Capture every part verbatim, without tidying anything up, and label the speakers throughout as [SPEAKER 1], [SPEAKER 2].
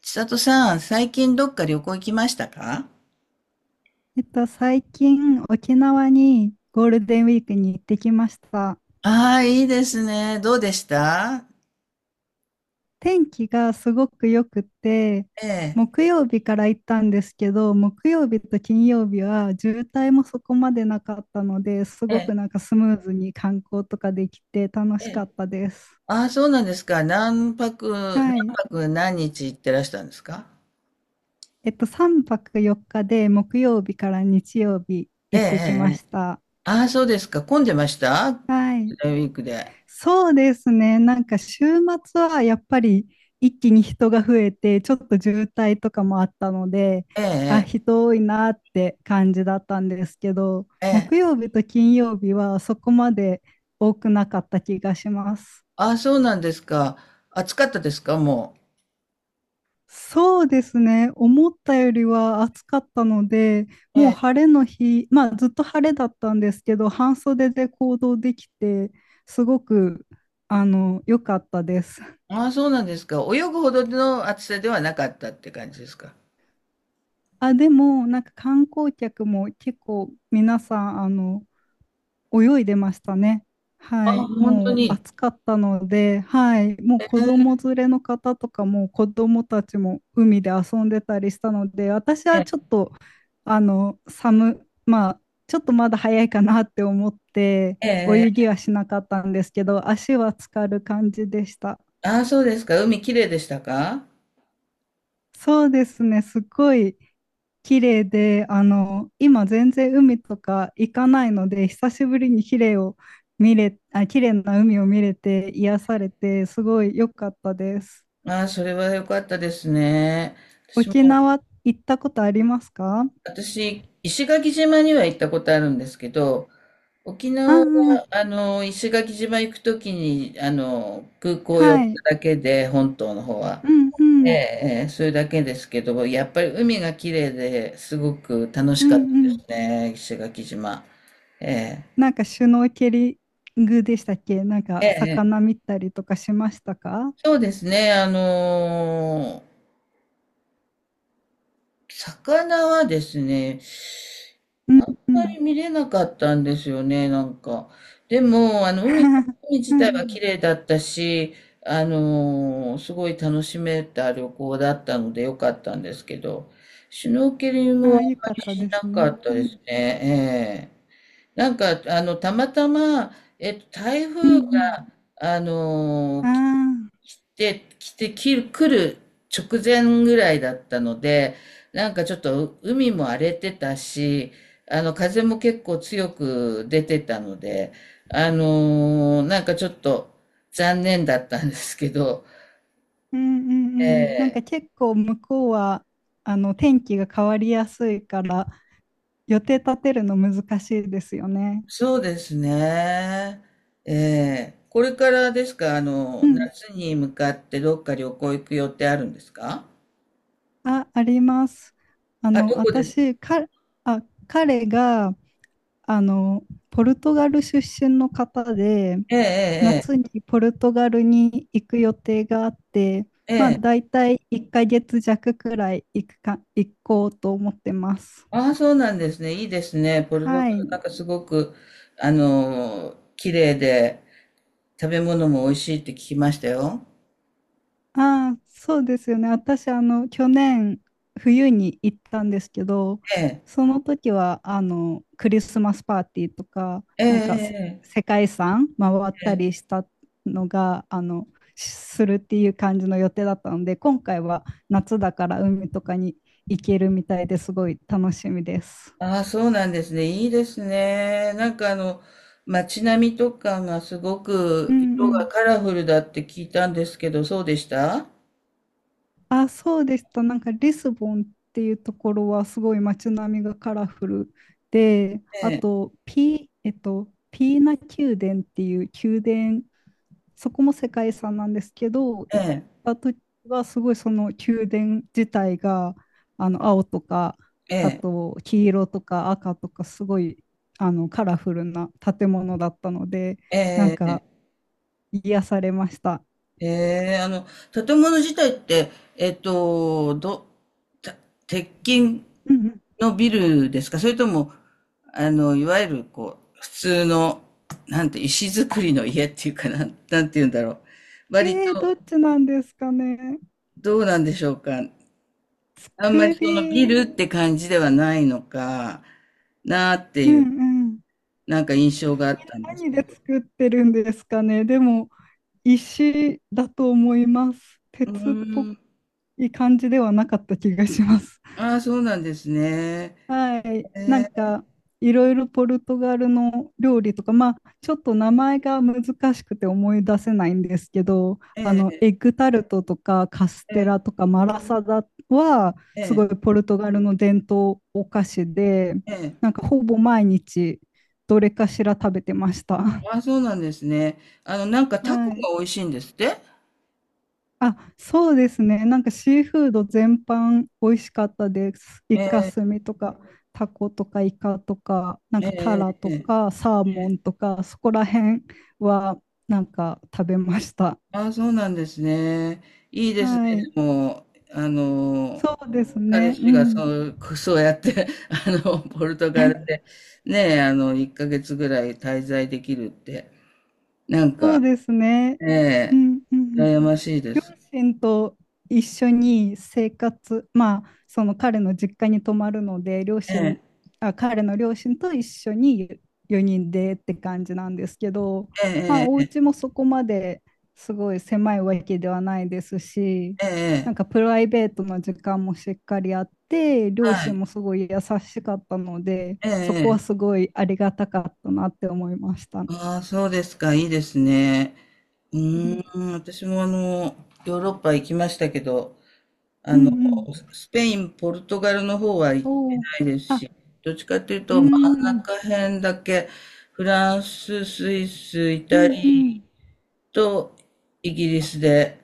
[SPEAKER 1] 千里さん、最近どっか旅行行きましたか？
[SPEAKER 2] えっと、最近沖縄にゴールデンウィークに行ってきました。
[SPEAKER 1] ああいいですね。どうでした？
[SPEAKER 2] 天気がすごく良くて、
[SPEAKER 1] ええ、
[SPEAKER 2] 木曜日から行ったんですけど、木曜日と金曜日は渋滞もそこまでなかったので、す
[SPEAKER 1] え
[SPEAKER 2] ご
[SPEAKER 1] え、
[SPEAKER 2] くなんかスムーズに観光とかできて楽
[SPEAKER 1] え
[SPEAKER 2] しか
[SPEAKER 1] え。
[SPEAKER 2] ったです。
[SPEAKER 1] ああ、そうなんですか。何泊、何
[SPEAKER 2] はい。
[SPEAKER 1] 泊何日行ってらしたんですか？
[SPEAKER 2] えっと、さんぱくよっかで木曜日から日曜日
[SPEAKER 1] ええ、
[SPEAKER 2] 行ってき
[SPEAKER 1] ええ。
[SPEAKER 2] ま
[SPEAKER 1] ええ。
[SPEAKER 2] した。
[SPEAKER 1] ああ、そうですか。混んでましたゴー
[SPEAKER 2] はい。
[SPEAKER 1] ルデンウィークで。
[SPEAKER 2] そうですね。なんか週末はやっぱり一気に人が増えて、ちょっと渋滞とかもあったので、
[SPEAKER 1] え
[SPEAKER 2] あ、
[SPEAKER 1] え、
[SPEAKER 2] 人多いなって感じだったんですけど、
[SPEAKER 1] え
[SPEAKER 2] 木
[SPEAKER 1] え。ええ。
[SPEAKER 2] 曜日と金曜日はそこまで多くなかった気がします。
[SPEAKER 1] ああ、そうなんですか。暑かったですか、も
[SPEAKER 2] そうですね。思ったよりは暑かったので、
[SPEAKER 1] う。え
[SPEAKER 2] もう
[SPEAKER 1] え。
[SPEAKER 2] 晴れの日、まあずっと晴れだったんですけど、半袖で行動できて、すごく、あの、良かったです。
[SPEAKER 1] ああ、そうなんですか。泳ぐほどの暑さではなかったって感じですか？
[SPEAKER 2] あ、でも、なんか観光客も結構皆さん、あの、泳いでましたね。は
[SPEAKER 1] ああ、
[SPEAKER 2] い。
[SPEAKER 1] 本当
[SPEAKER 2] もう
[SPEAKER 1] に。
[SPEAKER 2] 暑かったので、はい。もう子
[SPEAKER 1] え
[SPEAKER 2] 供連れの方とかも子供たちも海で遊んでたりしたので、私は
[SPEAKER 1] え、
[SPEAKER 2] ちょっと、あの、寒、まあ、ちょっとまだ早いかなって思って、
[SPEAKER 1] え
[SPEAKER 2] 泳
[SPEAKER 1] え。
[SPEAKER 2] ぎはしなかったんですけど、足は浸かる感じでした。
[SPEAKER 1] ああ、そうですか。海きれいでしたか？
[SPEAKER 2] そうですね。すごい綺麗で、あの、今全然海とか行かないので、久しぶりに綺麗を見れ、あ、綺麗な海を見れて癒されて、すごい良かったです。
[SPEAKER 1] ああ、それは良かったですね。私
[SPEAKER 2] 沖
[SPEAKER 1] も、
[SPEAKER 2] 縄行ったことありますか？
[SPEAKER 1] 私、石垣島には行ったことあるんですけど、沖
[SPEAKER 2] ああ
[SPEAKER 1] 縄は、
[SPEAKER 2] ー、
[SPEAKER 1] あの、石垣島行くときに、あの、空港寄っ
[SPEAKER 2] はい。
[SPEAKER 1] ただけで、本島の方は。
[SPEAKER 2] うんう
[SPEAKER 1] え
[SPEAKER 2] ん。
[SPEAKER 1] え、ええそれだけですけど、やっぱり海がきれいですごく楽し
[SPEAKER 2] う
[SPEAKER 1] かった
[SPEAKER 2] んう
[SPEAKER 1] で
[SPEAKER 2] ん。
[SPEAKER 1] すね、石垣島。ええ、
[SPEAKER 2] なんかシュノーケリングでしたっけ、なんか
[SPEAKER 1] ええ、え
[SPEAKER 2] 魚
[SPEAKER 1] え。
[SPEAKER 2] 見たりとかしましたか？
[SPEAKER 1] そうですね。あの魚はですね、
[SPEAKER 2] うん
[SPEAKER 1] あん
[SPEAKER 2] う
[SPEAKER 1] ま
[SPEAKER 2] ん。
[SPEAKER 1] り見れなかったんですよね、なんか。でも、あの、海、海
[SPEAKER 2] う
[SPEAKER 1] 自
[SPEAKER 2] ん
[SPEAKER 1] 体
[SPEAKER 2] う
[SPEAKER 1] は
[SPEAKER 2] ん。
[SPEAKER 1] 綺麗だったし、あのーすごい楽しめた旅行だったので良かったんですけど、シュノーケリン
[SPEAKER 2] あ
[SPEAKER 1] グは
[SPEAKER 2] あ、
[SPEAKER 1] あん
[SPEAKER 2] よ
[SPEAKER 1] ま
[SPEAKER 2] かっ
[SPEAKER 1] り
[SPEAKER 2] た
[SPEAKER 1] し
[SPEAKER 2] で
[SPEAKER 1] な
[SPEAKER 2] す
[SPEAKER 1] か
[SPEAKER 2] ね。
[SPEAKER 1] った
[SPEAKER 2] う
[SPEAKER 1] で
[SPEAKER 2] ん
[SPEAKER 1] すね。ええ。なんか、あの、たまたま、えっと、台
[SPEAKER 2] う
[SPEAKER 1] 風が、
[SPEAKER 2] ん
[SPEAKER 1] あ
[SPEAKER 2] う
[SPEAKER 1] のー
[SPEAKER 2] ん。ああ。
[SPEAKER 1] で、来て、き来る直前ぐらいだったので、なんかちょっと海も荒れてたし、あの、風も結構強く出てたので、あのーなんかちょっと残念だったんですけど、
[SPEAKER 2] うんうんうん。なん
[SPEAKER 1] え
[SPEAKER 2] か
[SPEAKER 1] え、
[SPEAKER 2] 結構向こうはあの天気が変わりやすいから予定立てるの難しいですよね。
[SPEAKER 1] そうですね。ええ、これからですか、あ
[SPEAKER 2] う
[SPEAKER 1] の、
[SPEAKER 2] ん。
[SPEAKER 1] 夏に向かってどっか旅行行く予定あるんですか？
[SPEAKER 2] あ、あります。あ
[SPEAKER 1] あ、
[SPEAKER 2] の
[SPEAKER 1] どこです？
[SPEAKER 2] 私か、あ、彼があのポルトガル出身の方で
[SPEAKER 1] ええ、
[SPEAKER 2] 夏にポルトガルに行く予定があって、
[SPEAKER 1] ええ、
[SPEAKER 2] まあ
[SPEAKER 1] ええ。
[SPEAKER 2] 大体いっかげつ弱くらい行くか、行こうと思ってます。
[SPEAKER 1] ああ、そうなんですね。いいですね。ポルト
[SPEAKER 2] は
[SPEAKER 1] ガルなん
[SPEAKER 2] い。
[SPEAKER 1] かすごく、あの綺麗で、食べ物も美味しいって聞きましたよ。
[SPEAKER 2] ああ、そうですよね。私、あの、去年、冬に行ったんですけど、
[SPEAKER 1] ええ、
[SPEAKER 2] その時は、あの、クリスマスパーティーとか、
[SPEAKER 1] え
[SPEAKER 2] なんかせ、
[SPEAKER 1] え、
[SPEAKER 2] 世界遺産回っ
[SPEAKER 1] え
[SPEAKER 2] た
[SPEAKER 1] え、
[SPEAKER 2] り
[SPEAKER 1] ええ。
[SPEAKER 2] したのが、あの、しするっていう感じの予定だったので、今回は夏だから海とかに行けるみたいですごい楽しみです。
[SPEAKER 1] ああ、そうなんですね。いいですね。なんかあの、街並みとかがすご
[SPEAKER 2] う
[SPEAKER 1] く
[SPEAKER 2] んう
[SPEAKER 1] 色が
[SPEAKER 2] ん。
[SPEAKER 1] カラフルだって聞いたんですけど、そうでした？
[SPEAKER 2] あ、そうでした。なんかリスボンっていうところはすごい街並みがカラフルで、あ
[SPEAKER 1] ええ、
[SPEAKER 2] とピ、えっと、ピーナ宮殿っていう宮殿、そこも世界遺産なんですけど、
[SPEAKER 1] え
[SPEAKER 2] 行っ
[SPEAKER 1] え、
[SPEAKER 2] た時はすごいその宮殿自体があの青とか、あと黄色とか赤とかすごいあのカラフルな建物だったので、
[SPEAKER 1] え
[SPEAKER 2] なん
[SPEAKER 1] え、ええ。
[SPEAKER 2] か癒されました。
[SPEAKER 1] へえ、あの、建物自体って、えっと、ど、た鉄筋
[SPEAKER 2] うんうん。
[SPEAKER 1] のビルですか、それとも、あの、いわゆる、こう、普通の、なんて、石造りの家っていうかな、なんて言うんだろう。割
[SPEAKER 2] えー、どっ
[SPEAKER 1] と、
[SPEAKER 2] ちなんですかね。
[SPEAKER 1] どうなんでしょうか。あんまり
[SPEAKER 2] 作
[SPEAKER 1] そのビ
[SPEAKER 2] り、
[SPEAKER 1] ルって感じではないのかなって
[SPEAKER 2] う
[SPEAKER 1] い
[SPEAKER 2] んう
[SPEAKER 1] う、
[SPEAKER 2] ん。
[SPEAKER 1] なんか印象があったんです
[SPEAKER 2] 何
[SPEAKER 1] け
[SPEAKER 2] で
[SPEAKER 1] ど。
[SPEAKER 2] 作ってるんですかね。でも、石だと思います。
[SPEAKER 1] う
[SPEAKER 2] 鉄っぽ
[SPEAKER 1] ーん。
[SPEAKER 2] い感じではなかった気がします。
[SPEAKER 1] ああ、そうなんですね。
[SPEAKER 2] はい、
[SPEAKER 1] え
[SPEAKER 2] なん
[SPEAKER 1] え
[SPEAKER 2] かいろいろポルトガルの料理とか、まあ、ちょっと名前が難しくて思い出せないんですけど、あ
[SPEAKER 1] え
[SPEAKER 2] のエ
[SPEAKER 1] え
[SPEAKER 2] ッグタルトとかカステ
[SPEAKER 1] ええ
[SPEAKER 2] ラとかマラサダはすごいポルトガルの伝統お菓子で、
[SPEAKER 1] ええ
[SPEAKER 2] なん
[SPEAKER 1] ええ。
[SPEAKER 2] かほぼ毎日どれかしら食べてました。
[SPEAKER 1] あ、そうなんですね。あの、なんか タコ
[SPEAKER 2] はい。
[SPEAKER 1] が美味しいんですって。
[SPEAKER 2] あ、そうですね。なんかシーフード全般美味しかったです。イ
[SPEAKER 1] え
[SPEAKER 2] カ
[SPEAKER 1] え、
[SPEAKER 2] スミとか、タコとかイカとか、なん
[SPEAKER 1] え
[SPEAKER 2] かタラ
[SPEAKER 1] え、
[SPEAKER 2] と
[SPEAKER 1] ええ。
[SPEAKER 2] か、サーモンとか、そこら辺はなんか食べました。
[SPEAKER 1] ああ、そうなんですね。いいです
[SPEAKER 2] は
[SPEAKER 1] ね。
[SPEAKER 2] い。
[SPEAKER 1] でも、あの、
[SPEAKER 2] そうです
[SPEAKER 1] 彼
[SPEAKER 2] ね。う
[SPEAKER 1] 氏が
[SPEAKER 2] ん。
[SPEAKER 1] そう、そうやって、あの、ポルトガル で、ねえ、あの、いっかげつぐらい滞在できるって、なん
[SPEAKER 2] そう
[SPEAKER 1] か、
[SPEAKER 2] ですね。う
[SPEAKER 1] え
[SPEAKER 2] んうんうん。
[SPEAKER 1] え、羨ましいで
[SPEAKER 2] 両
[SPEAKER 1] す。
[SPEAKER 2] 親と一緒に生活、まあ、その彼の実家に泊まるので、両
[SPEAKER 1] え
[SPEAKER 2] 親、
[SPEAKER 1] え、
[SPEAKER 2] あ、彼の両親と一緒によにんでって感じなんですけど、まあ、
[SPEAKER 1] え
[SPEAKER 2] お
[SPEAKER 1] え、え
[SPEAKER 2] 家もそこまですごい狭いわけではないですし、
[SPEAKER 1] え、ええ、
[SPEAKER 2] な
[SPEAKER 1] え
[SPEAKER 2] んか
[SPEAKER 1] え、
[SPEAKER 2] プライベートの時間もしっかりあって、両
[SPEAKER 1] は
[SPEAKER 2] 親
[SPEAKER 1] い、
[SPEAKER 2] もすごい優しかったので、そこは
[SPEAKER 1] え
[SPEAKER 2] す
[SPEAKER 1] え。
[SPEAKER 2] ごいありがたかったなって思いました。う
[SPEAKER 1] ああ、そうですか。いいですね。う
[SPEAKER 2] ん
[SPEAKER 1] ーん、私もあの、ヨーロッパ行きましたけど、あ
[SPEAKER 2] う
[SPEAKER 1] の、
[SPEAKER 2] んうん。
[SPEAKER 1] スペイン、ポルトガルの方は行って
[SPEAKER 2] おー
[SPEAKER 1] ないです
[SPEAKER 2] あ、
[SPEAKER 1] し、どっちかという
[SPEAKER 2] う
[SPEAKER 1] と真ん
[SPEAKER 2] ん。
[SPEAKER 1] 中辺だけ、フランス、スイス、イ
[SPEAKER 2] う
[SPEAKER 1] タ
[SPEAKER 2] んうん。
[SPEAKER 1] リアとイギリスで、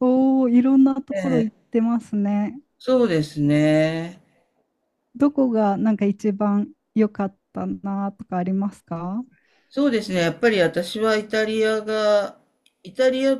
[SPEAKER 2] おお、いろんなと
[SPEAKER 1] え
[SPEAKER 2] ころ行っ
[SPEAKER 1] え、
[SPEAKER 2] てますね。
[SPEAKER 1] そうですね。
[SPEAKER 2] どこがなんか一番良かったなとかありますか？
[SPEAKER 1] そうですね。やっぱり私はイタリアが、イタリア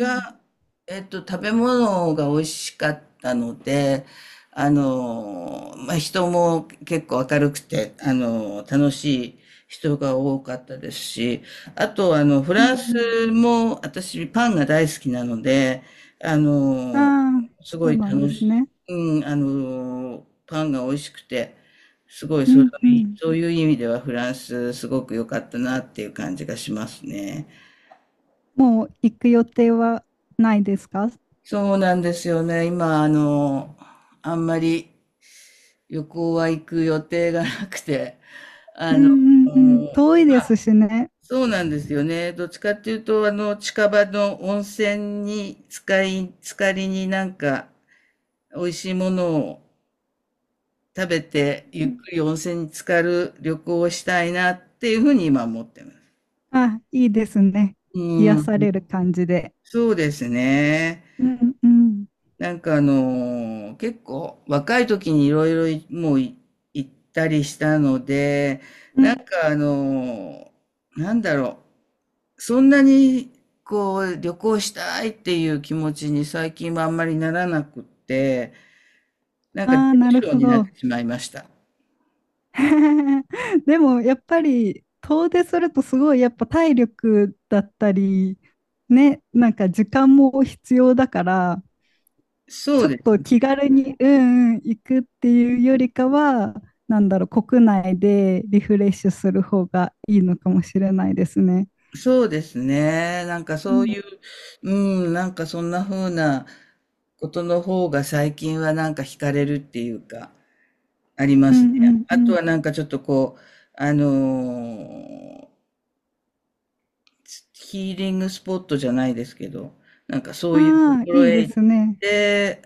[SPEAKER 2] うん
[SPEAKER 1] えっと、食べ物が美味しかったので、あの、まあ、人も結構明るくて、あの、楽しい人が多かったですし、あと、あの、フ
[SPEAKER 2] う
[SPEAKER 1] ランス
[SPEAKER 2] ん
[SPEAKER 1] も私パンが大好きなので、あ
[SPEAKER 2] うん。
[SPEAKER 1] の、
[SPEAKER 2] ああ、
[SPEAKER 1] す
[SPEAKER 2] そ
[SPEAKER 1] ご
[SPEAKER 2] う
[SPEAKER 1] い
[SPEAKER 2] なんで
[SPEAKER 1] 楽
[SPEAKER 2] す
[SPEAKER 1] し
[SPEAKER 2] ね。
[SPEAKER 1] い、うん、あの、パンが美味しくて、すごい
[SPEAKER 2] う
[SPEAKER 1] そう
[SPEAKER 2] んう
[SPEAKER 1] いう、
[SPEAKER 2] ん。
[SPEAKER 1] そういう意味ではフランスすごく良かったなっていう感じがしますね。
[SPEAKER 2] もう行く予定はないですか？
[SPEAKER 1] そうなんですよね。今、あの、あんまり旅行は行く予定がなくて、
[SPEAKER 2] う
[SPEAKER 1] あ
[SPEAKER 2] ん
[SPEAKER 1] の、
[SPEAKER 2] うんうん。遠いですしね。
[SPEAKER 1] そうなんですよね。どっちかっていうと、あの、近場の温泉に使い、浸かりになんか、美味しいものを食べて、
[SPEAKER 2] う
[SPEAKER 1] ゆっ
[SPEAKER 2] ん、
[SPEAKER 1] くり温泉に浸かる旅行をしたいなっていうふうに今思ってます。
[SPEAKER 2] あ、いいですね。
[SPEAKER 1] う
[SPEAKER 2] 癒
[SPEAKER 1] ん、
[SPEAKER 2] される感じで。
[SPEAKER 1] そうですね。
[SPEAKER 2] うんうん。
[SPEAKER 1] なんかあのー結構若い時にいろいろもうい行ったりしたので、
[SPEAKER 2] う
[SPEAKER 1] なん
[SPEAKER 2] ん。
[SPEAKER 1] かあのーなんだろう、そんなにこう旅行したいっていう気持ちに最近はあんまりならなくって、なんか出
[SPEAKER 2] ああ、
[SPEAKER 1] る
[SPEAKER 2] なる
[SPEAKER 1] 症
[SPEAKER 2] ほ
[SPEAKER 1] になっ
[SPEAKER 2] ど。
[SPEAKER 1] てしまいました。
[SPEAKER 2] でもやっぱり遠出するとすごいやっぱ体力だったりね、なんか時間も必要だから、
[SPEAKER 1] そ
[SPEAKER 2] ち
[SPEAKER 1] う
[SPEAKER 2] ょっ
[SPEAKER 1] で
[SPEAKER 2] と
[SPEAKER 1] す。
[SPEAKER 2] 気軽にうんうん行くっていうよりかは、なんだろう、国内でリフレッシュする方がいいのかもしれないですね。
[SPEAKER 1] そうですね。なんか
[SPEAKER 2] う
[SPEAKER 1] そう
[SPEAKER 2] ん
[SPEAKER 1] いう、うん、なんかそんな風なことの方が最近はなんか惹かれるっていうか。ありま
[SPEAKER 2] う
[SPEAKER 1] すね。
[SPEAKER 2] んう
[SPEAKER 1] あと
[SPEAKER 2] ん
[SPEAKER 1] はなんかちょっとこう、あのーヒーリングスポットじゃないですけど、なんかそ
[SPEAKER 2] う
[SPEAKER 1] ういうと
[SPEAKER 2] ん。ああ、
[SPEAKER 1] ころ
[SPEAKER 2] いい
[SPEAKER 1] へ
[SPEAKER 2] で
[SPEAKER 1] 行っ
[SPEAKER 2] すね。
[SPEAKER 1] て、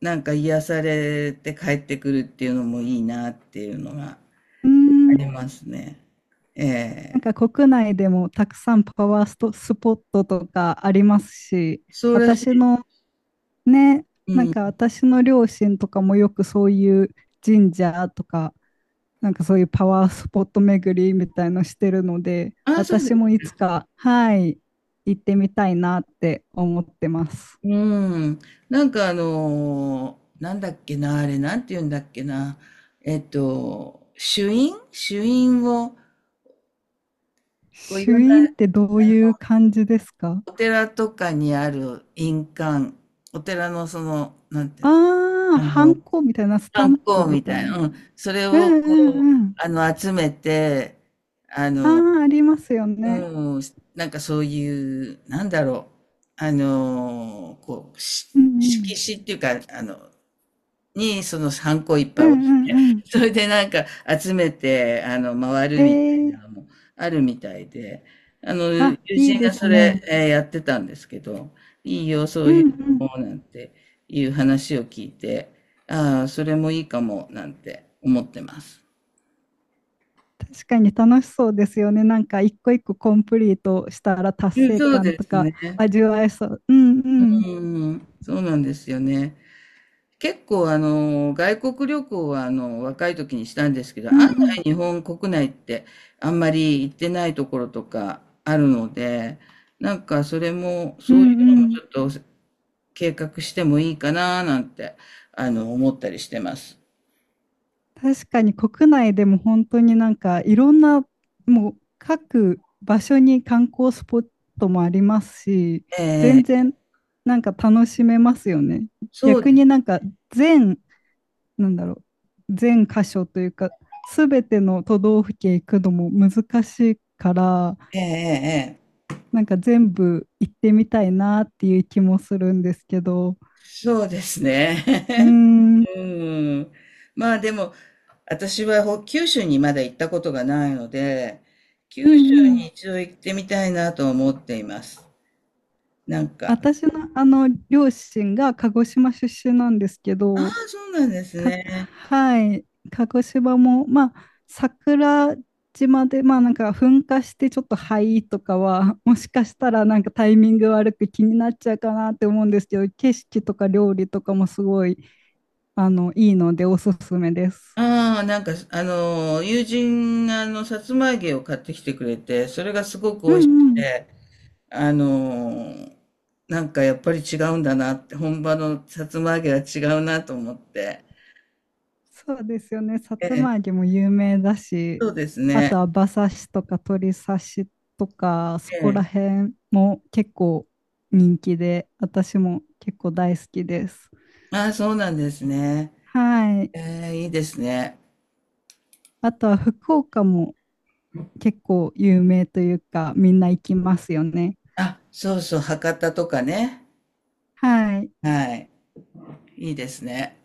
[SPEAKER 1] なんか癒されて帰ってくるっていうのもいいなっていうのが
[SPEAKER 2] うー
[SPEAKER 1] あ
[SPEAKER 2] ん。
[SPEAKER 1] りますね。え
[SPEAKER 2] なん
[SPEAKER 1] え。
[SPEAKER 2] か国内でもたくさんパワーストスポットとかありますし、
[SPEAKER 1] そうらし
[SPEAKER 2] 私
[SPEAKER 1] い。
[SPEAKER 2] のね、
[SPEAKER 1] う
[SPEAKER 2] なんか
[SPEAKER 1] ん。
[SPEAKER 2] 私の両親とかもよくそういう神社とか、なんかそういうパワースポット巡りみたいのしてるので、
[SPEAKER 1] ああ、そうで
[SPEAKER 2] 私もい
[SPEAKER 1] す。
[SPEAKER 2] つか、はい、行ってみたいなって思ってます。
[SPEAKER 1] うん。なんかあのーなんだっけな、あれ、なんて言うんだっけな。えっと、朱印朱印を、こういろ
[SPEAKER 2] 朱
[SPEAKER 1] んな、
[SPEAKER 2] 印ってどういう感じですか？
[SPEAKER 1] お寺とかにある印鑑、お寺のその、なんてい
[SPEAKER 2] あ
[SPEAKER 1] うの、
[SPEAKER 2] あー、
[SPEAKER 1] あ
[SPEAKER 2] ハ
[SPEAKER 1] の、
[SPEAKER 2] ンコみたいな、スタ
[SPEAKER 1] 観
[SPEAKER 2] ンプ
[SPEAKER 1] 光
[SPEAKER 2] み
[SPEAKER 1] み
[SPEAKER 2] た
[SPEAKER 1] た
[SPEAKER 2] い
[SPEAKER 1] いな、
[SPEAKER 2] な。
[SPEAKER 1] うん、それ
[SPEAKER 2] う
[SPEAKER 1] を
[SPEAKER 2] んう
[SPEAKER 1] こう、
[SPEAKER 2] んうん。
[SPEAKER 1] あの、集めて、
[SPEAKER 2] ああ、ありますよね。
[SPEAKER 1] うん、なんかそういう、なんだろう、あの、こう、し
[SPEAKER 2] う
[SPEAKER 1] 色
[SPEAKER 2] ん
[SPEAKER 1] 紙っていうか、あの、にそのハンコいっ
[SPEAKER 2] うん。
[SPEAKER 1] ぱ
[SPEAKER 2] うんう
[SPEAKER 1] い
[SPEAKER 2] んうん。
[SPEAKER 1] それでなんか集めて、あの、回
[SPEAKER 2] え
[SPEAKER 1] るみたいな
[SPEAKER 2] ー、
[SPEAKER 1] のもあるみたいで、あの、友
[SPEAKER 2] あ、いい
[SPEAKER 1] 人
[SPEAKER 2] で
[SPEAKER 1] が
[SPEAKER 2] す
[SPEAKER 1] それ、
[SPEAKER 2] ね。
[SPEAKER 1] えーやってたんですけど、いいよ、そ
[SPEAKER 2] う
[SPEAKER 1] う
[SPEAKER 2] ん
[SPEAKER 1] いう
[SPEAKER 2] うん。
[SPEAKER 1] のも、なんていう話を聞いて、ああ、それもいいかも、なんて思ってます。
[SPEAKER 2] 確かに楽しそうですよね。なんか一個一個コンプリートしたら達
[SPEAKER 1] うん、
[SPEAKER 2] 成
[SPEAKER 1] そう
[SPEAKER 2] 感
[SPEAKER 1] で
[SPEAKER 2] と
[SPEAKER 1] す
[SPEAKER 2] か
[SPEAKER 1] ね。
[SPEAKER 2] 味わえそう。うんうん
[SPEAKER 1] うん、そうなんですよね。結構あの外国旅行はあの若い時にしたんですけど、
[SPEAKER 2] う
[SPEAKER 1] 案
[SPEAKER 2] んうん
[SPEAKER 1] 外日本国内ってあんまり行ってないところとかあるので、なんかそれも
[SPEAKER 2] う
[SPEAKER 1] そう
[SPEAKER 2] ん
[SPEAKER 1] いうの
[SPEAKER 2] う
[SPEAKER 1] もち
[SPEAKER 2] ん。
[SPEAKER 1] ょっと計画してもいいかななんてあの思ったりしてます。
[SPEAKER 2] 確かに国内でも本当になんかいろんなもう各場所に観光スポットもありますし、全
[SPEAKER 1] ええ、
[SPEAKER 2] 然なんか楽しめますよね。
[SPEAKER 1] そう
[SPEAKER 2] 逆
[SPEAKER 1] で
[SPEAKER 2] に
[SPEAKER 1] す。
[SPEAKER 2] なんか全、なんだろう、全箇所というか、すべての都道府県行くのも難しいから、
[SPEAKER 1] ええええ。ええ、
[SPEAKER 2] なんか全部行ってみたいなっていう気もするんですけど、
[SPEAKER 1] そうですね。
[SPEAKER 2] うー ん、うん
[SPEAKER 1] うん。まあでも、私はほ九州にまだ行ったことがないので、
[SPEAKER 2] う
[SPEAKER 1] 九州
[SPEAKER 2] ん。
[SPEAKER 1] に一度行ってみたいなと思っています。なんか、
[SPEAKER 2] 私のあの両親が鹿児島出身なんですけ
[SPEAKER 1] ああ、
[SPEAKER 2] ど、
[SPEAKER 1] そうなんです
[SPEAKER 2] か、
[SPEAKER 1] ね。
[SPEAKER 2] はい、鹿児島も、まあ、桜島で、まあなんか噴火してちょっと灰とかは、もしかしたらなんかタイミング悪く気になっちゃうかなって思うんですけど、景色とか料理とかもすごい、あの、いいのでおすすめです。
[SPEAKER 1] ああ、なんか、あの、友人があの、さつま揚げを買ってきてくれて、それがすごく美
[SPEAKER 2] う
[SPEAKER 1] 味し
[SPEAKER 2] ん
[SPEAKER 1] く
[SPEAKER 2] うん。
[SPEAKER 1] て、あの、なんかやっぱり違うんだなって、本場のさつま揚げは違うなと思って。
[SPEAKER 2] そうですよね。さつ
[SPEAKER 1] ええ、
[SPEAKER 2] ま揚げも有名だし、
[SPEAKER 1] そうです
[SPEAKER 2] あと
[SPEAKER 1] ね。
[SPEAKER 2] は馬刺しとか鶏刺しとか、そこら
[SPEAKER 1] ええ。
[SPEAKER 2] 辺も結構人気で、私も結構大好きです。
[SPEAKER 1] ああ、そうなんですね。
[SPEAKER 2] はい。
[SPEAKER 1] ええ、いいですね。
[SPEAKER 2] あとは福岡も結構有名というか、みんな行きますよね。
[SPEAKER 1] あ、そうそう、博多とかね。
[SPEAKER 2] はい。
[SPEAKER 1] はい、いいですね。